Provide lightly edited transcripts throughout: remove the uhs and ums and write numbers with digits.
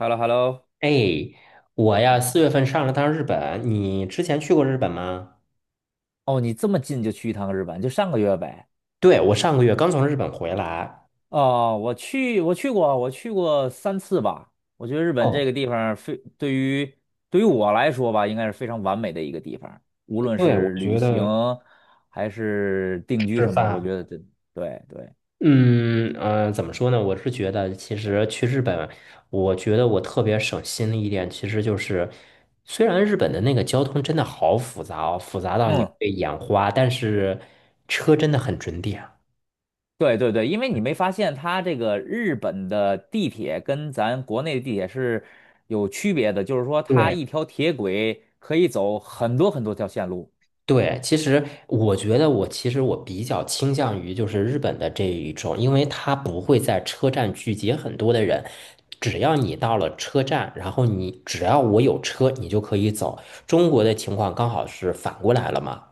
h e l l o h e l l o 哎，我呀，四月份上了趟日本，你之前去过日本吗？哦，你这么近就去一趟日本，就上个月呗。对，我上个月刚从日本回来。哦，我去过，三次吧。我觉得日本这哦。个地方非对于我来说吧，应该是非常完美的一个地方，无论对，我是旅觉行得还是定居吃什么的，我觉饭，得这对对。怎么说呢？我是觉得，其实去日本，我觉得我特别省心的一点，其实就是，虽然日本的那个交通真的好复杂哦，复杂到你嗯，会眼花，但是车真的很准点。对对对，因为你没发现它这个日本的地铁跟咱国内的地铁是有区别的，就是说它对。一条铁轨可以走很多很多条线路。对，其实我觉得我其实我比较倾向于就是日本的这一种，因为它不会在车站聚集很多的人，只要你到了车站，然后你只要我有车，你就可以走。中国的情况刚好是反过来了嘛？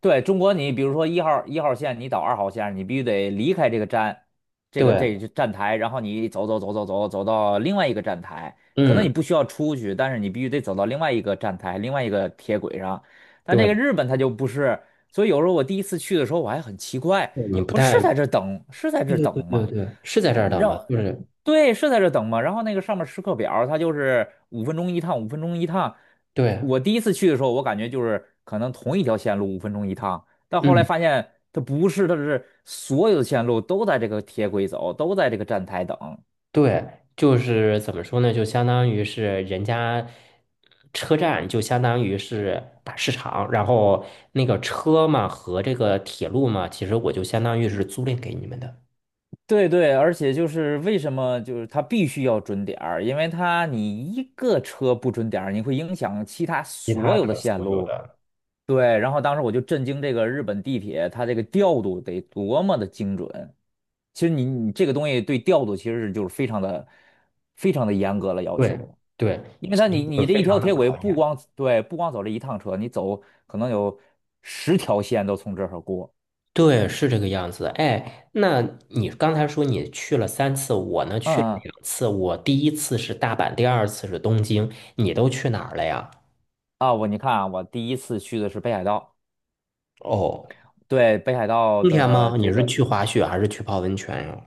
对，中国，你比如说一号线，你到二号线，你必须得离开这个站，这个对。站台，然后你走走走走走走到另外一个站台，可能你嗯。不需要出去，但是你必须得走到另外一个站台，另外一个铁轨上。但这个对。日本它就不是，所以有时候我第一次去的时候，我还很奇怪，你不我说是太。在这儿等，是在这对儿对对等对吗？对，是在这儿等吗？让就是对，是在这等嘛，然后那个上面时刻表，它就是五分钟一趟，五分钟一趟。对。我第一次去的时候，我感觉就是可能同一条线路五分钟一趟，但后来嗯。发现它不是，它是所有的线路都在这个铁轨走，都在这个站台等。对，就是怎么说呢？就相当于是人家车站，就相当于是大市场，然后那个车嘛和这个铁路嘛，其实我就相当于是租赁给你们的。对对，而且就是为什么就是它必须要准点儿，因为一个车不准点儿，你会影响其他其他所有的的线所有路。的，对，然后当时我就震惊这个日本地铁，它这个调度得多么的精准。其实你这个东西对调度其实就是非常的非常的严格了要对求，对，因为其它实你就你是这非一条常的铁轨考验。不光走这一趟车，你走可能有十条线都从这儿过。对，是这个样子。哎，那你刚才说你去了3次，我呢嗯去了嗯，2次。我第一次是大阪，第二次是东京，你都去哪儿了呀？啊，你看啊，我第一次去的是北海道，哦。对，北海道冬天的吗？你这是个去滑雪还是去泡温泉呀？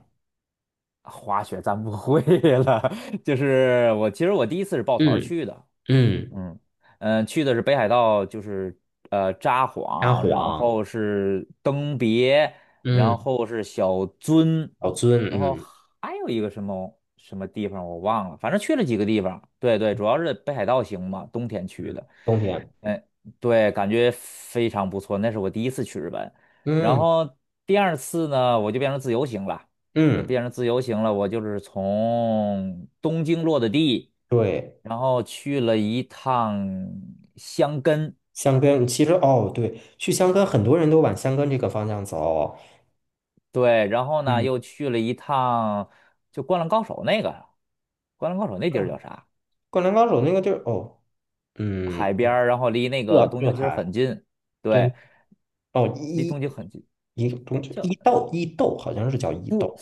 滑雪咱不会了。就是我其实第一次是抱团儿嗯去的，嗯。嗯嗯，去的是北海道，就是札沙幌，然皇。后是登别，然嗯。后是小樽，老尊。然后嗯。还有一个什么什么地方我忘了，反正去了几个地方。对对，主要是北海道行嘛，冬天去的。冬天。嗯，对，感觉非常不错。那是我第一次去日本，然嗯后第二次呢，我就变成自由行了。嗯。变成自由行了，我就是从东京落的地，对。然后去了一趟箱根，箱根，其实哦，对，去箱根很多人都往箱根这个方向走。对，然后呢嗯。又去了一趟就《灌篮高手》那个，《灌篮高手》那地儿哦，叫啥？灌篮高手那个地儿。哦。嗯。海边儿，然后离那热个东热京其实海很近，东。对，哦离伊东京很近，一个东叫伊豆好像是叫伊不豆，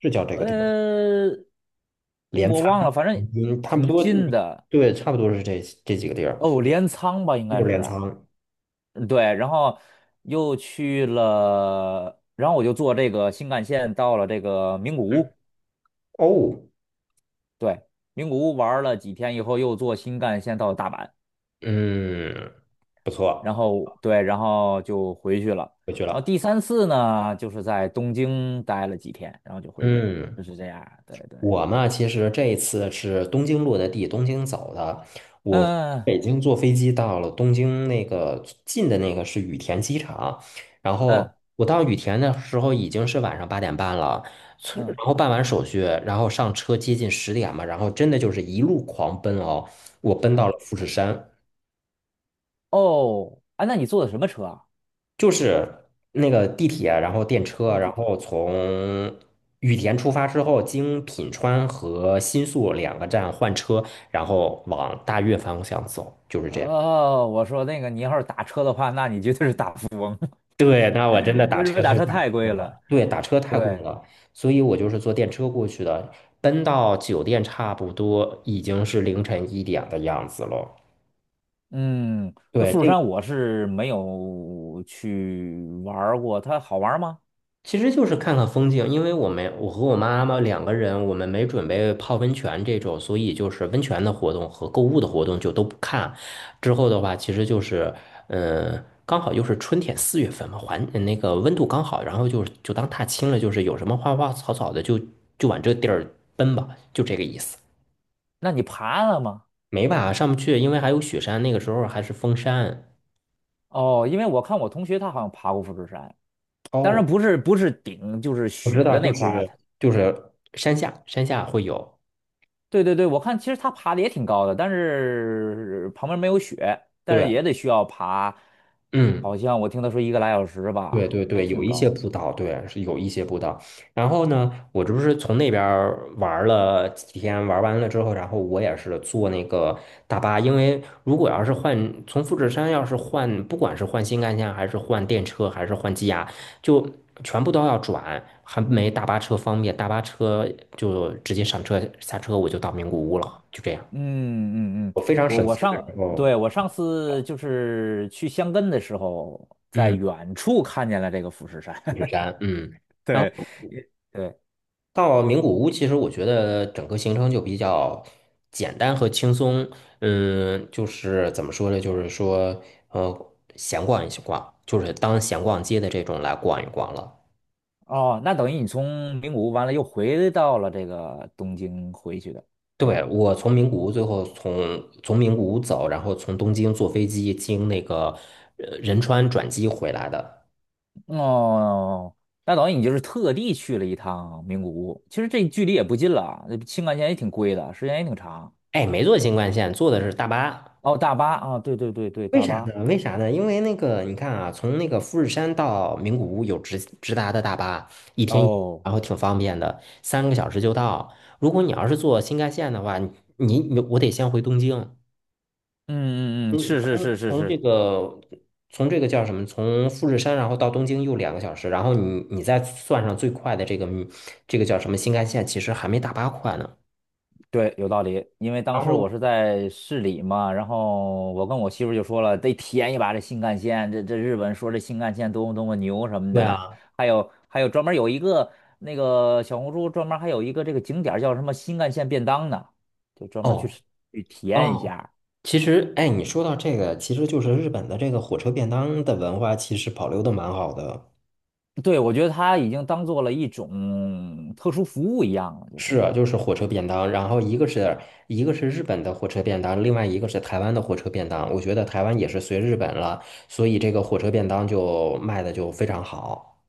是叫这个地方，呃，镰我仓。忘了，反正嗯，差不挺多。近的。对，差不多是这几个地儿，哦，镰仓吧，应就是该镰是。仓。嗯，对，然后又去了，然后我就坐这个新干线到了这个名古屋，哦。对，名古屋玩了几天以后，又坐新干线到了大阪。嗯，然后对，然后就回去了。回去然后了。第三次呢，就是在东京待了几天，然后就回去了，嗯，就是这样。对对，我嘛，其实这一次是东京落的地，东京走的。我嗯北京坐飞机到了东京那个近的那个是羽田机场，然后嗯我到羽田的时候已经是晚上8点半了，从然嗯后办完手续，然后上车接近10点嘛，然后真的就是一路狂奔哦，我奔到嗯，了富士山。哦，啊，那你坐的什么车啊？就是那个地铁，然后电车，哦，然地铁。后从羽田出发之后，经品川和新宿2个站换车，然后往大月方向走，就是这样。哦，我说那个你要是打车的话，那你绝对是大富。对，那我真的 那打日车本打太车贵太贵了。了，对，打车太贵对，了，所以我就是坐电车过去的，奔到酒店差不多已经是凌晨一点的样子了。嗯，那对，富士这山我是没有去玩儿过，它好玩儿吗？其实就是看看风景，因为我和我妈妈两个人，我们没准备泡温泉这种，所以就是温泉的活动和购物的活动就都不看。之后的话，其实就是，刚好又是春天四月份嘛，环那个温度刚好，然后就当踏青了，就是有什么花花草草的就往这地儿奔吧，就这个意思。那你爬了吗？没吧，上不去，因为还有雪山，那个时候还是封山。哦，因为我看我同学他好像爬过富士山，当哦，然不是顶，就是我知雪道，的就那块儿啊。是它就是山下，山下会有。对对对，我看其实它爬的也挺高的，但是旁边没有雪，但是对。也得需要爬，嗯。好像我听他说一个来小时对吧，对也对，有挺一些高的。步道，对，是有一些步道。然后呢，我这不是从那边儿玩儿了几天，玩完了之后，然后我也是坐那个大巴，因为如果要是换从富士山，要是换，不管是换新干线，还是换电车，还是换机呀，就全部都要转，还没大巴车方便。大巴车就直接上车下车，我就到名古屋了，就这样。嗯嗯嗯，我非常我省我心的时上，候。对，我上次就是去箱根的时候，在嗯。远处看见了这个富士山。富士 山。嗯。然对，后。也对，到名古屋，其实我觉得整个行程就比较简单和轻松。嗯，就是怎么说呢？就是说，闲逛一逛，就是当闲逛街的这种来逛一逛了。哦，那等于你从名古屋完了又回到了这个东京回去的是对，吧？我从名古屋最后从名古屋走，然后从东京坐飞机经那个仁川转机回来的。哦，那等于你就是特地去了一趟名古屋，其实这距离也不近了啊，那青干线也挺贵的，时间也挺长。哎，没坐新干线，坐的是大巴。哦，大巴啊，对对对对，为大啥巴。呢？为啥呢？因为那个，你看啊，从那个富士山到名古屋有直达的大巴，一天一，哦，然后挺方便的，3个小时就到。如果你要是坐新干线的话，我得先回东京。嗯嗯嗯，嗯，是是从是是从这是，个从这个叫什么？从富士山然后到东京又2个小时，然后你再算上最快的这个叫什么新干线，其实还没大巴快呢。对，有道理，因为当然时我后是在市里嘛，然后我跟我媳妇儿就说了，得体验一把这新干线，这日本说这新干线多么多么牛什么对的，啊。还有专门有一个那个小红书专门还有一个这个景点儿叫什么新干线便当呢，就专门去哦吃去体验一哦。下。其实，哎，你说到这个，其实就是日本的这个火车便当的文化，其实保留的蛮好的。对，我觉得它已经当做了一种特殊服务一样了，就是是。啊，就是火车便当，然后一个是日本的火车便当，另外一个是台湾的火车便当。我觉得台湾也是随日本了，所以这个火车便当就卖的就非常好，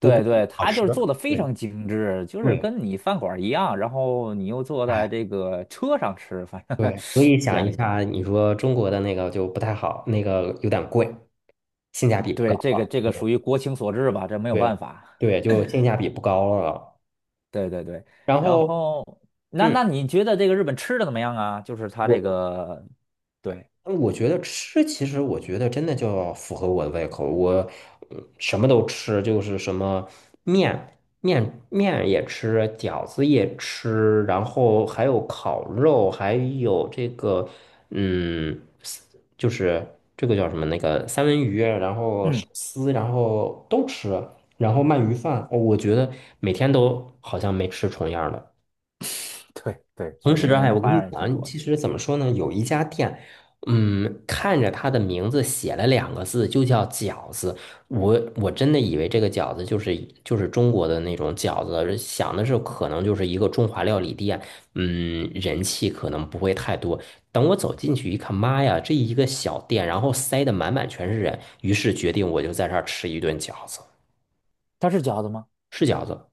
不过对，好它就吃。是做的非对常精致，就是对。跟你饭馆儿一样，然后你又坐在哎，这个车上吃，反正 对，所以 想店一里下，吧。你说中国的那个就不太好，那个有点贵，性价比不高对，这个了。这个对属于国情所致吧，这没有办对法。对，就性价比不高了。对对对，然然后后嗯，那你觉得这个日本吃的怎么样啊？就是它这我个，对，我觉得吃，其实我觉得真的就要符合我的胃口。我什么都吃，就是什么面也吃，饺子也吃，然后还有烤肉，还有这个嗯，丝就是这个叫什么那个三文鱼，然后寿嗯，司，然后都吃，然后鳗鱼饭，哦我觉得每天都好像没吃重样儿的。对对，同确实时，人哎，家我跟花你样也挺多讲，的。其实怎么说呢？有一家店，看着它的名字写了2个字，就叫饺子。我真的以为这个饺子就是中国的那种饺子，想的是可能就是一个中华料理店，人气可能不会太多。等我走进去一看，妈呀，这一个小店，然后塞得满满全是人，于是决定我就在这儿吃一顿饺子，它是饺子吗？是饺子，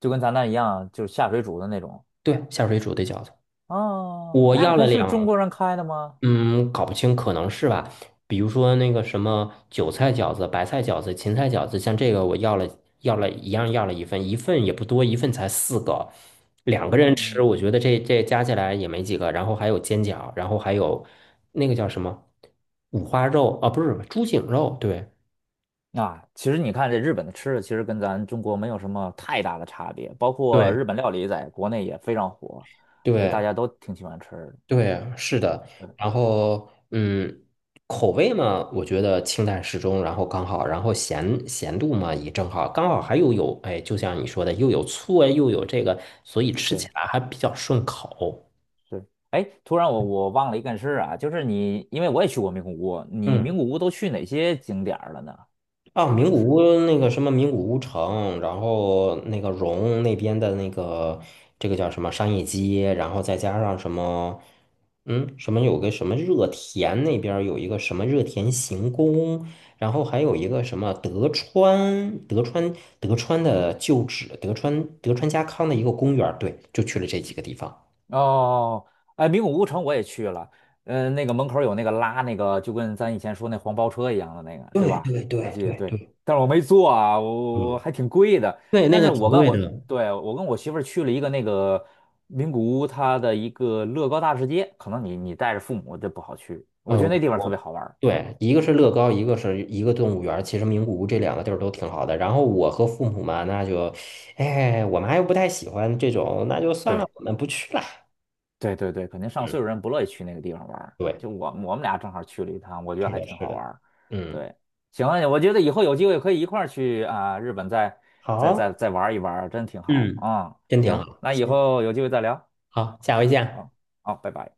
就跟咱那一样，就是下水煮的那种。对，下水煮的饺子。哦，我那要了可是中两，国人开的吗？嗯，搞不清，可能是吧。比如说那个什么韭菜饺子、白菜饺子、芹菜饺子，像这个我要了一样要了一份，一份也不多，一份才4个，两个人吃，嗯。我觉得这加起来也没几个。然后还有煎饺，然后还有那个叫什么五花肉啊，不是猪颈肉，对啊，其实你看这日本的吃的，其实跟咱中国没有什么太大的差别，包括对。日本料理在国内也非常火，所以大对。家都挺喜欢吃的。对啊，是的，嗯，然后口味嘛，我觉得清淡适中，然后刚好，然后咸度嘛也正好，刚好还又有，哎，就像你说的，又有醋啊，又有这个，所以吃起对，来还比较顺口。是。哎，突然我忘了一件事啊，就是你，因为我也去过名古屋，你嗯。名古屋都去哪些景点儿了呢？啊，名就古屋是。那个什么名古屋城，然后那个荣那边的那个这个叫什么商业街，然后再加上什么，嗯，什么有个什么热田那边儿有一个什么热田行宫，然后还有一个什么德川的旧址，德川家康的一个公园儿对，就去了这几个地方。哦，哎，名古屋城我也去了，嗯、那个门口有那个拉那个，就跟咱以前说那黄包车一样的那个，对对吧？对我对记得对对，对。但是我没坐啊，我嗯。还挺贵的。对，那但个是挺贵的。我跟我媳妇儿去了一个那个名古屋，它的一个乐高大世界，可能你带着父母就不好去，我觉得那呃，地方特我别好玩儿。对，一个是乐高，一个是一个动物园儿其实名古屋这2个地儿都挺好的。然后我和父母嘛，那就，哎，我妈又不太喜欢这种，那就算了，对。我们不去了。对对对，肯定上嗯。岁数人不乐意去那个地方玩儿。对，就我们俩正好去了一趟，我觉得是还的，挺是好玩的。儿。嗯，对，行，我觉得以后有机会可以一块儿去啊，日本再好。再玩一玩儿真挺好嗯，啊。真挺行，好。那以行，后有机会再聊。好，下回见。好，好，拜拜。